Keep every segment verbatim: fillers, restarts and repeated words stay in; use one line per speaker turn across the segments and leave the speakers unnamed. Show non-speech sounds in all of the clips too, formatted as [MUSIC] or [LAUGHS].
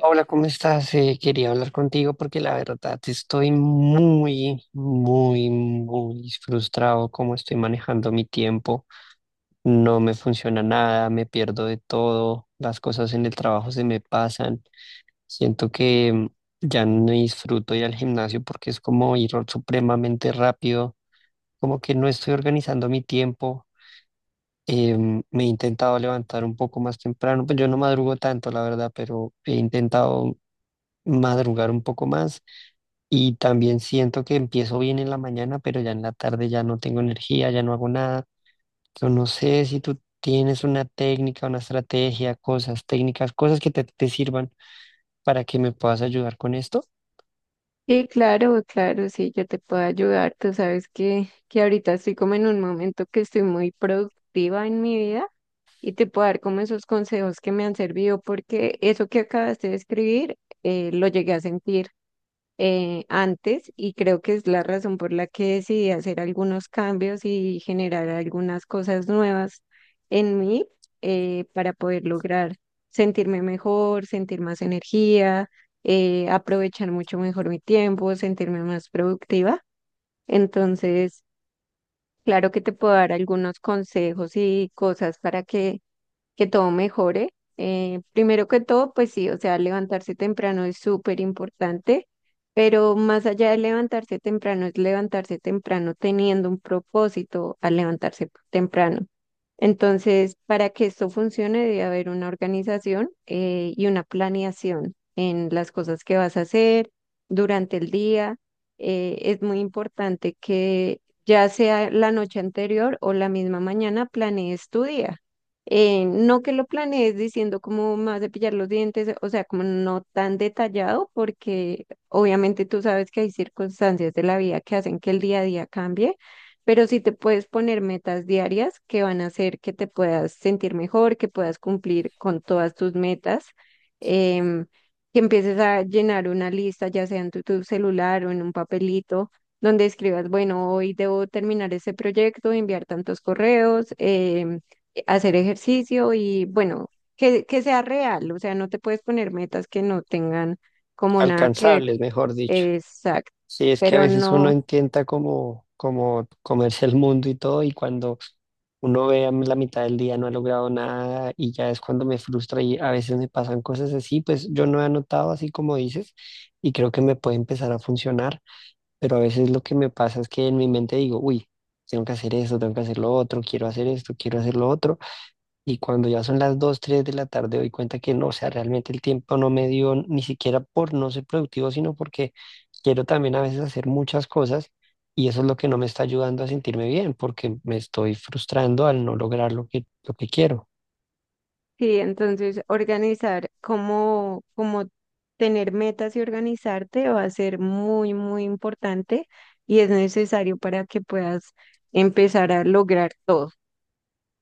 Hola, ¿cómo estás? Eh, quería hablar contigo porque la verdad estoy muy, muy, muy frustrado cómo estoy manejando mi tiempo. No me funciona nada, me pierdo de todo, las cosas en el trabajo se me pasan. Siento que mm, ya no disfruto ir al gimnasio porque es como ir supremamente rápido, como que no estoy organizando mi tiempo. Em, me he intentado levantar un poco más temprano, pues yo no madrugo tanto, la verdad, pero he intentado madrugar un poco más y también siento que empiezo bien en la mañana, pero ya en la tarde ya no tengo energía, ya no hago nada. Yo no sé si tú tienes una técnica, una estrategia, cosas, técnicas, cosas que te, te sirvan para que me puedas ayudar con esto.
Sí, claro, claro, sí, yo te puedo ayudar. Tú sabes que, que ahorita estoy como en un momento que estoy muy productiva en mi vida y te puedo dar como esos consejos que me han servido porque eso que acabaste de escribir eh, lo llegué a sentir eh, antes y creo que es la razón por la que decidí hacer algunos cambios y generar algunas cosas nuevas en mí eh, para poder lograr sentirme mejor, sentir más energía, eh, aprovechar mucho mejor mi tiempo, sentirme más productiva. Entonces, claro que te puedo dar algunos consejos y cosas para que que todo mejore. Eh, primero que todo, pues sí, o sea, levantarse temprano es súper importante, pero más allá de levantarse temprano, es levantarse temprano teniendo un propósito al levantarse temprano. Entonces, para que esto funcione, debe haber una organización eh, y una planeación en las cosas que vas a hacer durante el día. Eh, es muy importante que ya sea la noche anterior o la misma mañana planees tu día eh, no que lo planees diciendo cómo más de pillar los dientes, o sea, como no tan detallado, porque obviamente tú sabes que hay circunstancias de la vida que hacen que el día a día cambie, pero sí te puedes poner metas diarias que van a hacer que te puedas sentir mejor, que puedas cumplir con todas tus metas, em, que empieces a llenar una lista, ya sea en tu tu celular o en un papelito donde escribas, bueno, hoy debo terminar ese proyecto, enviar tantos correos, em, eh, hacer ejercicio y bueno, que, que sea real, o sea, no te puedes poner metas que no tengan como nada que ver.
Alcanzables, mejor dicho.
Exacto,
Sí, es que a
pero
veces uno
no,
intenta como, como comerse el mundo y todo, y cuando uno ve a la mitad del día no ha logrado nada y ya es cuando me frustra y a veces me pasan cosas así, pues yo no he anotado así como dices y creo que me puede empezar a funcionar, pero a veces lo que me pasa es que en mi mente digo, uy, tengo que hacer esto, tengo que hacer lo otro, quiero hacer esto, quiero hacer lo otro. Y cuando ya son las dos tres de la tarde, doy cuenta que no, o sea, realmente el tiempo no me dio ni siquiera por no ser productivo, sino porque quiero también a veces hacer muchas cosas y eso es lo que no me está ayudando a sentirme bien, porque me estoy frustrando al no lograr lo que, lo que quiero.
sí, entonces organizar como, como tener metas y organizarte va a ser muy, muy importante y es necesario para que puedas empezar a lograr todo.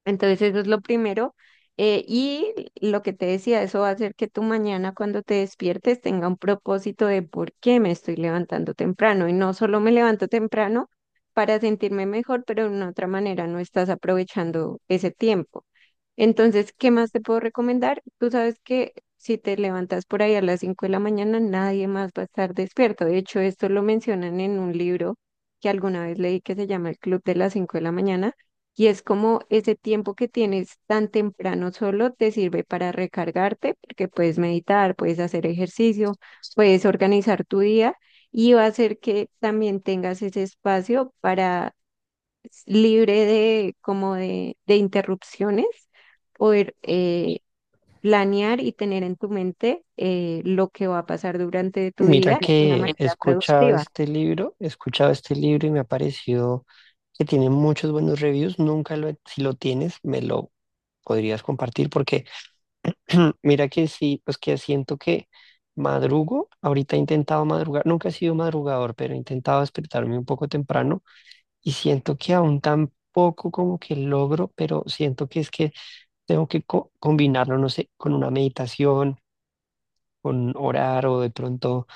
Entonces eso es lo primero. Eh, y lo que te decía, eso va a hacer que tu mañana cuando te despiertes tenga un propósito de por qué me estoy levantando temprano. Y no solo me levanto temprano para sentirme mejor, pero de una otra manera no estás aprovechando ese tiempo. Entonces, ¿qué más te puedo recomendar? Tú sabes que si te levantas por ahí a las cinco de la mañana, nadie más va a estar despierto. De hecho, esto lo mencionan en un libro que alguna vez leí que se llama El Club de las Cinco de la mañana. Y es como ese tiempo que tienes tan temprano solo te sirve para recargarte, porque puedes meditar, puedes hacer ejercicio, puedes organizar tu día y va a hacer que también tengas ese espacio para s- libre de como de, de interrupciones, poder eh, planear y tener en tu mente eh, lo que va a pasar durante tu
Mira
día de una
que
manera
he escuchado
productiva.
este libro, he escuchado este libro y me ha parecido que tiene muchos buenos reviews. Nunca lo, he- Si lo tienes, me lo podrías compartir porque [CLEARS THROAT] mira que sí, pues que siento que madrugo, ahorita he intentado madrugar, nunca he sido madrugador, pero he intentado despertarme un poco temprano y siento que aún tampoco como que logro, pero siento que es que tengo que co- combinarlo, no sé, con una meditación, con orar o de pronto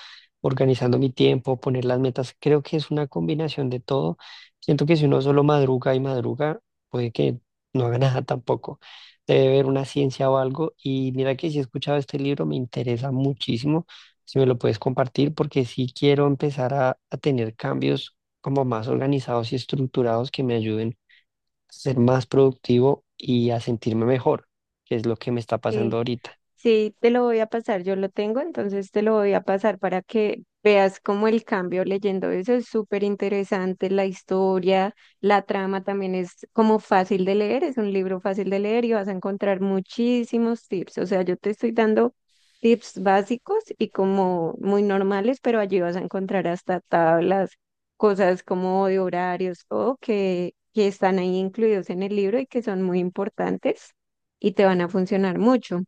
organizando mi tiempo, poner las metas. Creo que es una combinación de todo. Siento que si uno solo madruga y madruga, puede que no haga [LAUGHS] nada tampoco. Debe haber una ciencia o algo. Y mira que si he escuchado este libro, me interesa muchísimo. Si me lo puedes compartir, porque sí quiero empezar a, a tener cambios como más organizados y estructurados que me ayuden a ser más productivo y a sentirme mejor, que es lo que me está pasando
Sí.
ahorita.
Sí, te lo voy a pasar, yo lo tengo, entonces te lo voy a pasar para que veas cómo el cambio leyendo eso es súper interesante, la historia, la trama también es como fácil de leer, es un libro fácil de leer y vas a encontrar muchísimos tips, o sea, yo te estoy dando tips básicos y como muy normales, pero allí vas a encontrar hasta tablas, cosas como de horarios o que, que están ahí incluidos en el libro y que son muy importantes y te van a funcionar mucho.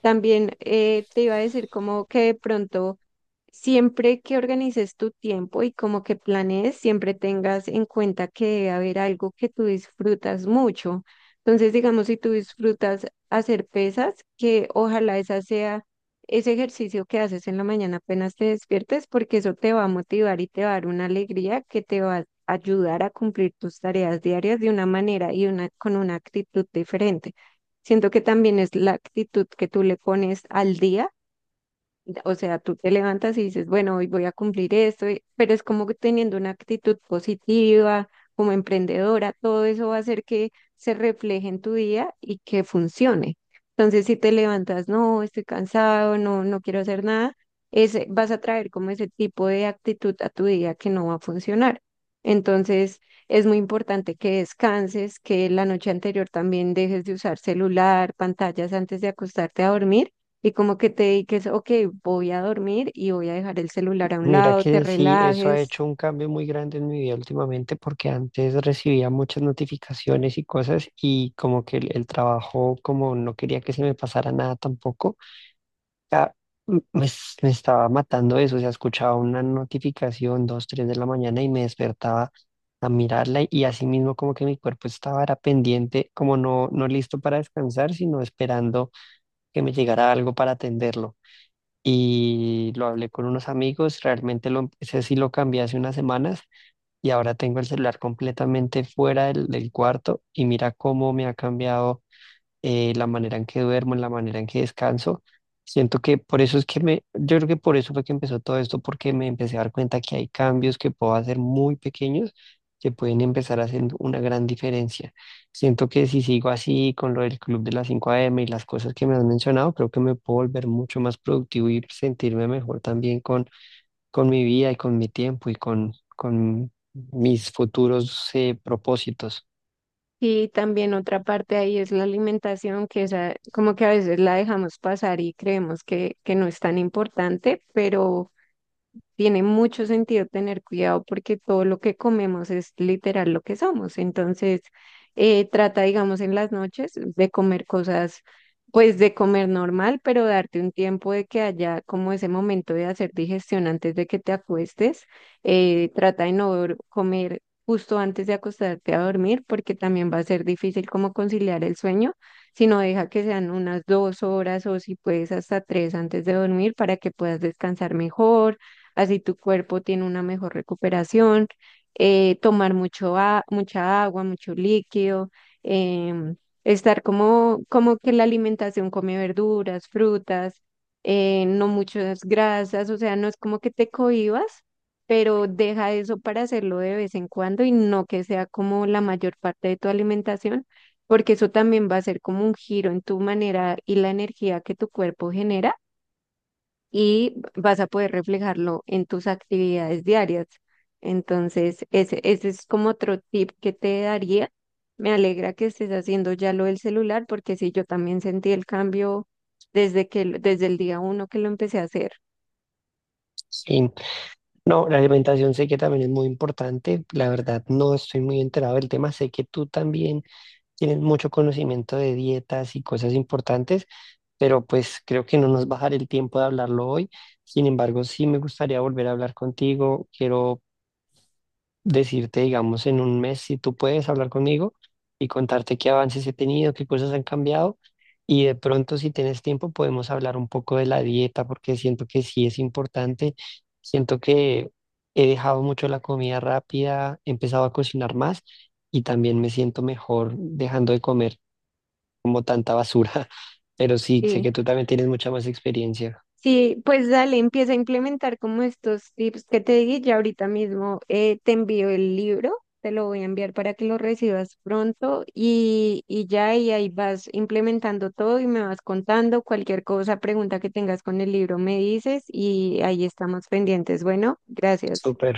También eh, te iba a decir como que de pronto... Siempre que organices tu tiempo y como que planees, siempre tengas en cuenta que debe haber algo que tú disfrutas mucho. Entonces, digamos, si tú disfrutas hacer pesas, que ojalá esa sea ese ejercicio que haces en la mañana apenas te despiertes, porque eso te va a motivar y te va a dar una alegría que te va a ayudar a cumplir tus tareas diarias de una manera y una, con una actitud diferente. Siento que también es la actitud que tú le pones al día, o sea, tú te levantas y dices, bueno, hoy voy a cumplir esto, y- pero es como que teniendo una actitud positiva, como emprendedora, todo eso va a hacer que se refleje en tu día y que funcione. Entonces, si te levantas, no, estoy cansado, no, no quiero hacer nada, ese, vas a traer como ese tipo de actitud a tu día que no va a funcionar. Entonces, es muy importante que descanses, que la noche anterior también dejes de usar celular, pantallas antes de acostarte a dormir y como que te dediques, ok, voy a dormir y voy a dejar el celular a un
Mira
lado, te
que sí, eso ha
relajes.
hecho un cambio muy grande en mi vida últimamente porque antes recibía muchas notificaciones y cosas y como que el, el trabajo, como no quería que se me pasara nada tampoco, ya, mm, me, s- me estaba matando eso, o sea, escuchaba una notificación dos, tres de la mañana y me despertaba a mirarla y así mismo como que mi cuerpo estaba era pendiente, como no, no listo para descansar, sino esperando que me llegara algo para atenderlo y lo hablé con unos amigos, realmente lo empecé, sí lo cambié hace unas semanas y ahora tengo el celular completamente fuera del, del cuarto y mira cómo me ha cambiado eh, la manera en que duermo, en la manera en que descanso. Siento que por eso es que me, yo creo que por eso fue que empezó todo esto, porque me empecé a dar cuenta que hay cambios que puedo hacer muy pequeños que pueden empezar haciendo una gran diferencia. Siento que si sigo así con lo del club de las cinco A M y las cosas que me has mencionado, creo que me puedo volver mucho más productivo y sentirme mejor también con, con mi vida y con mi tiempo y con, con mis futuros eh, propósitos.
Y también otra parte ahí es la alimentación, que esa, como que a veces la dejamos pasar y creemos que, que no es tan importante, pero tiene mucho sentido tener cuidado porque todo lo que comemos es literal lo que somos. Entonces, eh, trata, digamos, en las noches de comer cosas, pues de comer normal, pero darte un tiempo de que haya como ese momento de hacer digestión antes de que te acuestes. Eh, trata de no dor- comer justo antes de acostarte a dormir porque también va a ser difícil como conciliar el sueño, sino deja que sean unas dos horas o si puedes hasta tres antes de dormir para que puedas descansar mejor, así tu cuerpo tiene una mejor recuperación, eh, tomar mucho a- mucha agua, mucho líquido, em, estar como, como que la alimentación come verduras, frutas, eh, no muchas grasas, o sea, no es como que te cohibas, pero deja eso para hacerlo de vez en cuando y no que sea como la mayor parte de tu alimentación, porque eso también va a ser como un giro en tu manera y la energía que tu cuerpo genera y vas a poder reflejarlo en tus actividades diarias. Entonces, ese, ese es como otro tip que te daría. Me alegra que estés haciendo ya lo del celular, porque sí, yo también sentí el cambio desde que, lo- desde el día uno que lo empecé a hacer.
Sí. No, la alimentación sé que también es muy importante. La verdad, no estoy muy enterado del tema. Sé que tú también tienes mucho conocimiento de dietas y cosas importantes, pero pues creo que no nos va a dar el tiempo de hablarlo hoy. Sin embargo, sí me gustaría volver a hablar contigo. Quiero decirte, digamos, en un mes si tú puedes hablar conmigo y contarte qué avances he tenido, qué cosas han cambiado. Y de pronto, si tienes tiempo, podemos hablar un poco de la dieta, porque siento que sí es importante. Siento que he dejado mucho la comida rápida, he empezado a cocinar más y también me siento mejor dejando de comer como tanta basura. [LAUGHS] Pero sí, sé
Sí.
que tú también tienes mucha más experiencia.
Sí, pues dale, empieza a implementar como estos tips que te di. Ya ahorita mismo eh, te envío el libro, te lo voy a enviar para que lo recibas pronto y, y ya y ahí vas implementando todo y me vas contando cualquier cosa, pregunta que tengas con el libro, me dices y ahí estamos pendientes. Bueno, gracias.
Súper.